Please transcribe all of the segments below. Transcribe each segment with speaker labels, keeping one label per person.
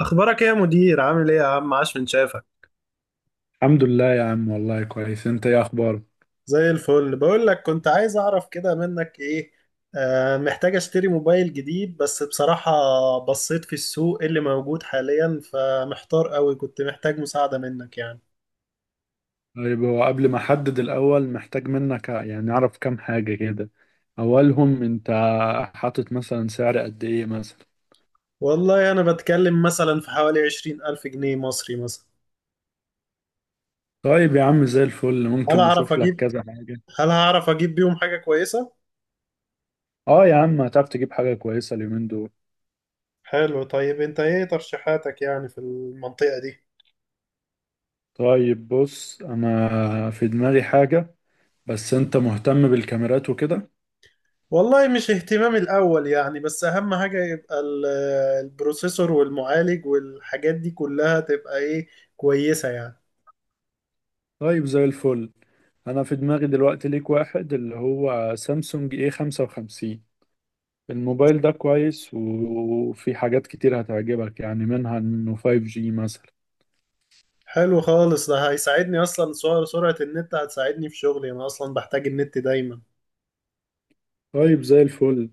Speaker 1: اخبارك ايه يا مدير؟ عامل ايه يا عم؟ عاش من شافك.
Speaker 2: الحمد لله يا عم، والله كويس. انت ايه اخبارك؟
Speaker 1: زي الفل. بقول لك، كنت عايز اعرف كده منك ايه، محتاج اشتري موبايل جديد بس بصراحة بصيت في السوق اللي موجود حاليا، فمحتار قوي. كنت محتاج مساعدة منك يعني.
Speaker 2: طيب هو قبل ما احدد، الاول محتاج منك يعني اعرف كام حاجة كده. اولهم انت حاطط مثلا سعر قد ايه مثلا؟
Speaker 1: والله انا بتكلم مثلا في حوالي 20,000 جنيه مصري مثلا.
Speaker 2: طيب يا عم زي الفل،
Speaker 1: هل
Speaker 2: ممكن
Speaker 1: هعرف
Speaker 2: نشوف لك
Speaker 1: اجيب
Speaker 2: كذا حاجة.
Speaker 1: هل هعرف اجيب بيهم حاجة كويسة؟
Speaker 2: اه يا عم، هتعرف تجيب حاجة كويسة اليومين دول.
Speaker 1: حلو. طيب انت ايه ترشيحاتك يعني في المنطقة دي؟
Speaker 2: طيب بص، انا في دماغي حاجة، بس انت مهتم بالكاميرات وكده؟
Speaker 1: والله مش اهتمامي الأول يعني، بس أهم حاجة يبقى البروسيسور والمعالج والحاجات دي كلها، تبقى إيه، كويسة يعني.
Speaker 2: طيب زي الفل، انا في دماغي دلوقتي ليك واحد اللي هو سامسونج اي 55. الموبايل ده كويس وفي حاجات كتير هتعجبك، يعني منها انه 5G مثلا.
Speaker 1: حلو خالص، ده هيساعدني أصلا. سرعة النت هتساعدني في شغلي، أنا أصلا بحتاج النت دايما.
Speaker 2: طيب زي الفل.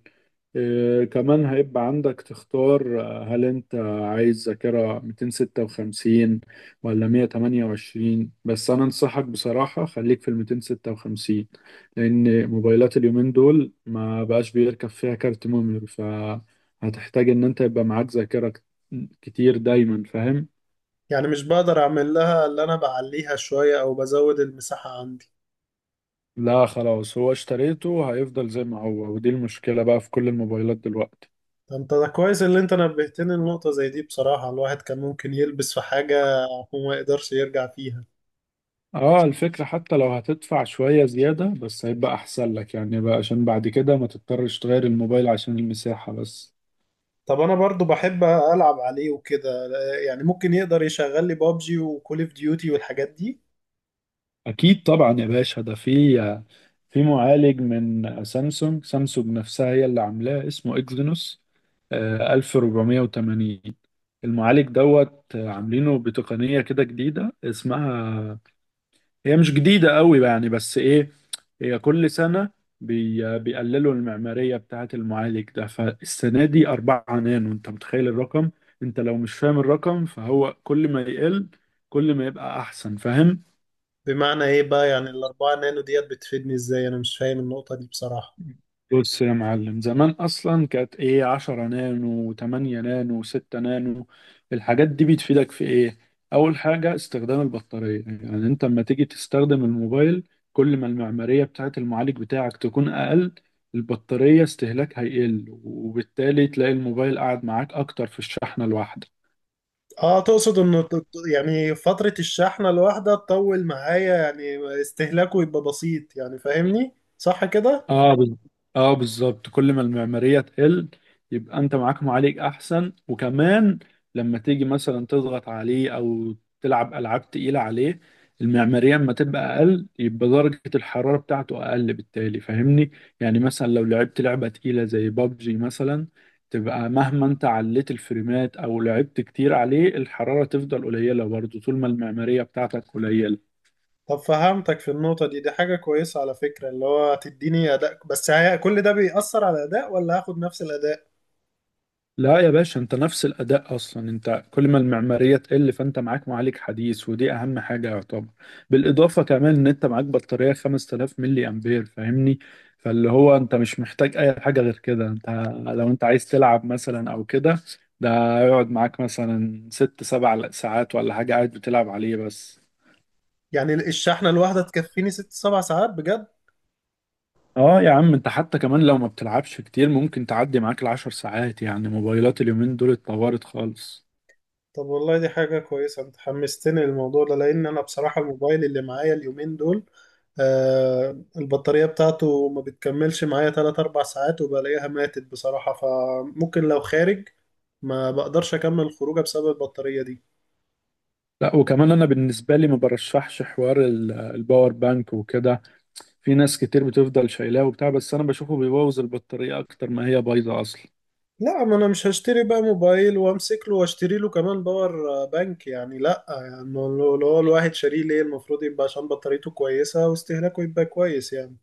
Speaker 2: آه كمان هيبقى عندك تختار هل انت عايز ذاكرة 256 ولا 128؟ بس انا انصحك بصراحة خليك في ال 256، لان موبايلات اليومين دول ما بقاش بيركب فيها كارت ميموري، فهتحتاج ان انت يبقى معاك ذاكرة كتير دايما، فاهم؟
Speaker 1: يعني مش بقدر أعمل لها اللي أنا بعليها شوية أو بزود المساحة عندي؟
Speaker 2: لا خلاص، هو اشتريته هيفضل زي ما هو، ودي المشكلة بقى في كل الموبايلات دلوقتي.
Speaker 1: ده أنت ده كويس اللي أنت نبهتني لنقطة زي دي، بصراحة الواحد كان ممكن يلبس في حاجة وما يقدرش يرجع فيها.
Speaker 2: اه الفكرة حتى لو هتدفع شوية زيادة، بس هيبقى احسن لك يعني بقى، عشان بعد كده ما تضطرش تغير الموبايل عشان المساحة بس.
Speaker 1: طب انا برضو بحب العب عليه وكده، يعني ممكن يقدر يشغل لي بابجي وكول اوف ديوتي والحاجات دي؟
Speaker 2: اكيد طبعا يا باشا، ده في معالج من سامسونج نفسها هي اللي عاملاه، اسمه اكزينوس آه 1480. المعالج دوت آه، عاملينه بتقنية كده جديدة، اسمها، هي مش جديدة قوي يعني، بس ايه، هي كل سنة بيقللوا المعمارية بتاعة المعالج ده. فالسنة دي أربعة نانو. أنت متخيل الرقم؟ أنت لو مش فاهم الرقم، فهو كل ما يقل كل ما يبقى أحسن، فاهم؟
Speaker 1: بمعنى ايه بقى يعني 4 نانو ديت بتفيدني ازاي؟ انا مش فاهم النقطة دي بصراحة.
Speaker 2: بص يا معلم، زمان اصلا كانت ايه، 10 نانو، 8 نانو، 6 نانو. الحاجات دي بتفيدك في ايه؟ اول حاجه استخدام البطاريه، يعني انت لما تيجي تستخدم الموبايل، كل ما المعماريه بتاعه المعالج بتاعك تكون اقل، البطاريه استهلاك هيقل، وبالتالي تلاقي الموبايل قاعد معاك اكتر في الشحنه الواحده.
Speaker 1: اه، تقصد انه يعني فترة الشحنة الواحدة تطول معايا، يعني استهلاكه يبقى بسيط، يعني فاهمني صح كده؟
Speaker 2: اه بال- اه بالظبط، كل ما المعماريه تقل، يبقى انت معاك معالج احسن. وكمان لما تيجي مثلا تضغط عليه او تلعب العاب تقيله عليه، المعماريه اما تبقى اقل يبقى درجه الحراره بتاعته اقل، بالتالي فاهمني؟ يعني مثلا لو لعبت لعبه تقيله زي بابجي مثلا، تبقى مهما انت عليت الفريمات او لعبت كتير عليه، الحراره تفضل قليله برضه طول ما المعماريه بتاعتك قليله.
Speaker 1: طب فهمتك في النقطة دي، دي حاجة كويسة على فكرة، اللي هو تديني أداء، بس هي كل ده بيأثر على الأداء ولا هاخد نفس الأداء؟
Speaker 2: لا يا باشا، انت نفس الاداء. اصلا انت كل ما المعماريه تقل، فانت معاك معالج حديث، ودي اهم حاجه يعتبر. بالاضافه كمان ان انت معاك بطاريه 5000 ملي امبير، فاهمني؟ فاللي هو انت مش محتاج اي حاجه غير كده. انت لو انت عايز تلعب مثلا او كده، ده يقعد معاك مثلا ست سبع ساعات ولا حاجه، قاعد بتلعب عليه بس.
Speaker 1: يعني الشحنة الواحدة تكفيني 6 7 ساعات بجد؟
Speaker 2: اه يا عم، انت حتى كمان لو ما بتلعبش كتير، ممكن تعدي معاك العشر ساعات. يعني موبايلات اليومين دول اتطورت خالص.
Speaker 1: طب والله دي حاجة كويسة، انت حمستني للموضوع ده، لان انا بصراحة الموبايل اللي معايا اليومين دول، البطارية بتاعته ما بتكملش معايا 3 4 ساعات وبلاقيها ماتت بصراحة، فممكن لو خارج ما بقدرش اكمل الخروجه بسبب البطارية دي.
Speaker 2: لا وكمان انا بالنسبه لي ما برشحش حوار الباور بانك وكده. في ناس كتير بتفضل شايلاه وبتاع، بس انا بشوفه بيبوظ البطاريه اكتر ما هي بايظه اصلا.
Speaker 1: لا، ما انا مش هشتري بقى موبايل وامسك له واشتري له كمان باور بانك يعني. لا يعني، لو هو الواحد شاريه، ليه؟ المفروض يبقى عشان بطاريته كويسة واستهلاكه يبقى كويس يعني.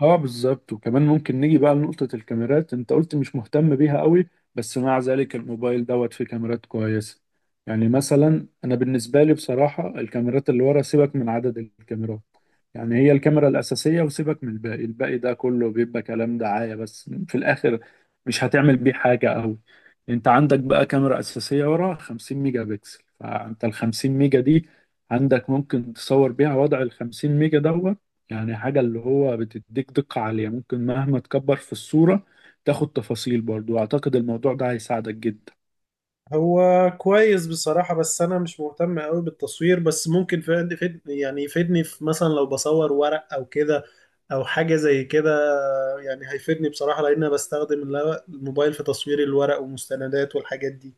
Speaker 2: اه بالظبط. وكمان ممكن نيجي بقى لنقطة الكاميرات. انت قلت مش مهتم بيها قوي، بس مع ذلك الموبايل فيه كاميرات كويسة. يعني مثلا انا بالنسبة لي بصراحة، الكاميرات اللي ورا سيبك من عدد الكاميرات، يعني هي الكاميرا الأساسية، وسيبك من الباقي. الباقي ده كله بيبقى كلام دعاية بس، في الآخر مش هتعمل بيه حاجة قوي. انت عندك بقى كاميرا أساسية ورا 50 ميجا بكسل، فانت ال 50 ميجا دي عندك ممكن تصور بيها وضع ال 50 ميجا يعني حاجة اللي هو بتديك دقة عالية، ممكن مهما تكبر في الصورة تاخد تفاصيل برضو. أعتقد الموضوع ده هيساعدك جدا.
Speaker 1: هو كويس بصراحة، بس أنا مش مهتم أوي بالتصوير، بس ممكن يعني يفيدني في مثلا لو بصور ورق أو كده، أو حاجة زي كده. يعني هيفيدني بصراحة، لأن أنا بستخدم الموبايل في تصوير الورق والمستندات والحاجات دي.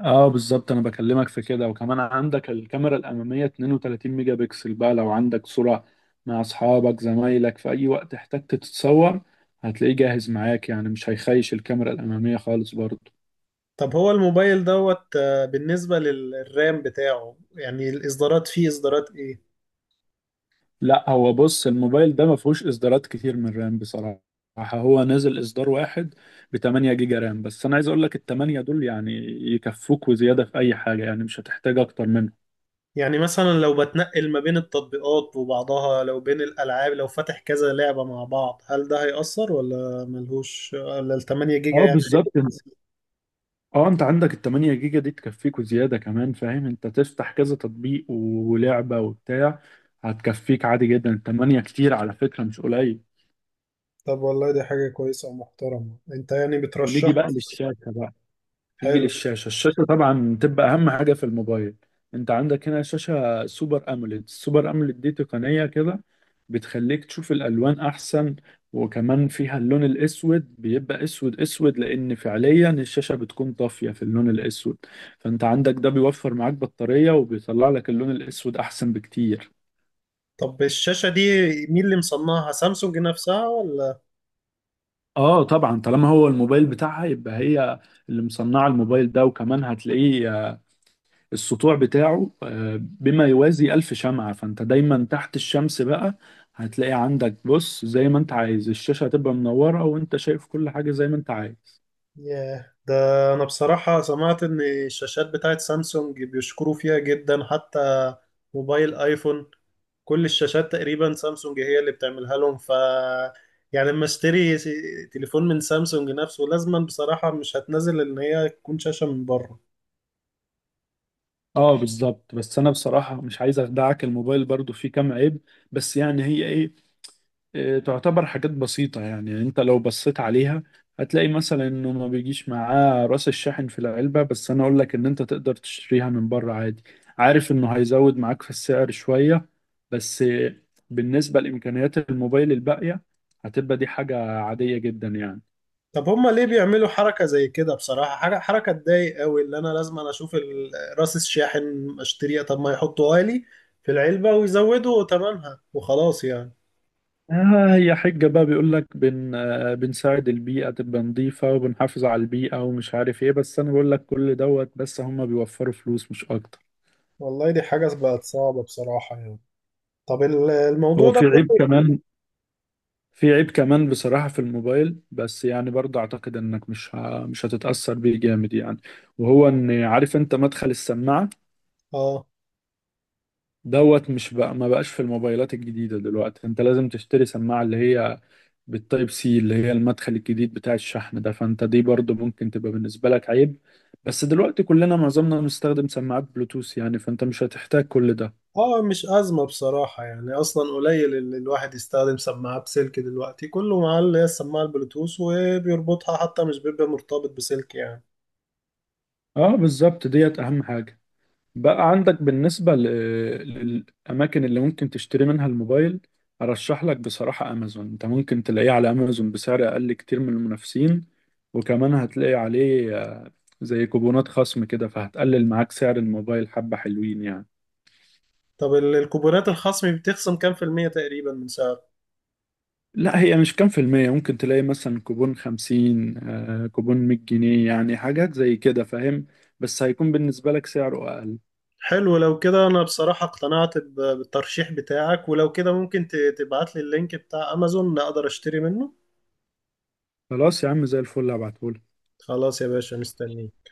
Speaker 2: اه بالظبط، انا بكلمك في كده. وكمان عندك الكاميرا الاماميه 32 ميجا بكسل، بقى لو عندك صوره مع اصحابك زمايلك في اي وقت احتجت تتصور، هتلاقيه جاهز معاك، يعني مش هيخيش الكاميرا الاماميه خالص برضو.
Speaker 1: طب هو الموبايل دوت، بالنسبة للرام بتاعه، يعني الإصدارات، فيه إصدارات إيه؟
Speaker 2: لا هو بص، الموبايل ده ما فيهوش اصدارات كتير من رام بصراحة، هو نازل اصدار واحد ب 8 جيجا رام. بس انا عايز اقول لك ال 8 دول يعني يكفوك وزيادة في اي حاجة، يعني مش هتحتاج اكتر منه.
Speaker 1: يعني مثلا لو بتنقل ما بين التطبيقات وبعضها، لو بين الألعاب، لو فاتح كذا لعبة مع بعض، هل ده هيأثر ولا ملهوش، ولا 8 جيجا
Speaker 2: اه
Speaker 1: يعني؟
Speaker 2: بالظبط، اه انت عندك ال 8 جيجا دي تكفيك وزيادة كمان، فاهم انت تفتح كذا تطبيق ولعبة وبتاع، هتكفيك عادي جدا. ال 8 كتير على فكرة، مش قليل.
Speaker 1: طب والله دي حاجة كويسة ومحترمة، انت يعني
Speaker 2: ونيجي
Speaker 1: بترشحه.
Speaker 2: بقى للشاشة بقى. نيجي
Speaker 1: حلو.
Speaker 2: للشاشة الشاشة طبعا تبقى أهم حاجة في الموبايل. أنت عندك هنا شاشة سوبر أموليد. السوبر أموليد دي تقنية كده بتخليك تشوف الألوان أحسن، وكمان فيها اللون الأسود بيبقى أسود أسود، لأن فعليا الشاشة بتكون طافية في اللون الأسود، فأنت عندك ده بيوفر معاك بطارية، وبيطلع لك اللون الأسود أحسن بكتير.
Speaker 1: طب الشاشة دي مين اللي مصنعها، سامسونج نفسها ولا؟
Speaker 2: اه طبعا، طالما هو الموبايل بتاعها يبقى هي اللي مصنعه الموبايل ده. وكمان هتلاقيه السطوع بتاعه بما يوازي ألف شمعة، فأنت دايما تحت الشمس بقى هتلاقي عندك، بص، زي ما أنت عايز، الشاشة هتبقى منورة وأنت شايف كل حاجة زي ما أنت عايز.
Speaker 1: ياه، ده انا بصراحة سمعت ان الشاشات بتاعت سامسونج بيشكروا فيها جدا، حتى موبايل ايفون كل الشاشات تقريبا سامسونج هي اللي بتعملها لهم، ف يعني لما اشتري تليفون من سامسونج نفسه، لازما بصراحة مش هتنزل ان هي تكون شاشة من بره.
Speaker 2: اه بالظبط، بس أنا بصراحة مش عايز أخدعك، الموبايل برضو فيه كام عيب، بس يعني هي إيه، تعتبر حاجات بسيطة. يعني انت لو بصيت عليها، هتلاقي مثلا انه ما بيجيش معاه راس الشاحن في العلبة، بس انا اقول لك ان انت تقدر تشتريها من بره عادي. عارف انه هيزود معاك في السعر شوية، بس بالنسبة لإمكانيات الموبايل الباقية، هتبقى دي حاجة عادية جدا يعني.
Speaker 1: طب هما ليه بيعملوا حركة زي كده بصراحة؟ حاجة حركة تضايق قوي، اللي انا لازم اشوف راس الشاحن اشتريها؟ طب ما يحطوها لي في العلبة ويزودوا ثمنها وخلاص يعني.
Speaker 2: آه هي حجة بقى، بيقول لك بن آه، بنساعد البيئة تبقى نظيفة، وبنحافظ على البيئة ومش عارف ايه، بس انا بقول لك كل بس هم بيوفروا فلوس مش اكتر.
Speaker 1: والله دي حاجة بقت صعبة بصراحة يعني. طب الموضوع
Speaker 2: هو
Speaker 1: ده
Speaker 2: في عيب
Speaker 1: كله.
Speaker 2: كمان في عيب كمان بصراحة في الموبايل، بس يعني برضه أعتقد إنك مش هتتأثر بيه جامد يعني. وهو إن، عارف أنت مدخل السماعة
Speaker 1: اه.
Speaker 2: مش بقى ما بقاش في الموبايلات الجديدة دلوقتي. أنت لازم تشتري سماعة اللي هي بالتايب سي، اللي هي المدخل الجديد بتاع الشحن ده. فأنت دي برضه ممكن تبقى بالنسبة لك عيب، بس دلوقتي كلنا معظمنا بنستخدم سماعات بلوتوث يعني، فأنت مش هتحتاج كل ده.
Speaker 1: اه، مش أزمة بصراحة يعني، أصلا قليل اللي الواحد يستخدم سماعة بسلك دلوقتي، كله معاه اللي هي السماعة البلوتوث وبيربطها، حتى مش بيبقى مرتبط بسلك يعني.
Speaker 2: اه بالظبط، ديت أهم حاجة. بقى عندك بالنسبة للأماكن اللي ممكن تشتري منها الموبايل، أرشح لك بصراحة أمازون. أنت ممكن تلاقيه على أمازون بسعر أقل كتير من المنافسين، وكمان هتلاقي عليه زي كوبونات خصم كده، فهتقلل معاك سعر الموبايل حبة، حلوين يعني.
Speaker 1: طب الكوبونات الخصم بتخصم كام في المية تقريبا من سعر؟
Speaker 2: لا هي مش كام في المية، ممكن تلاقي مثلا كوبون خمسين، كوبون مية جنيه، يعني حاجات زي كده فاهم. بس هيكون بالنسبة لك سعره أقل.
Speaker 1: حلو، لو كده انا بصراحة اقتنعت بالترشيح بتاعك، ولو كده ممكن تبعت لي اللينك بتاع امازون اقدر اشتري منه؟
Speaker 2: خلاص يا عم زي الفل، هبعتهولك.
Speaker 1: خلاص يا باشا، مستنيك.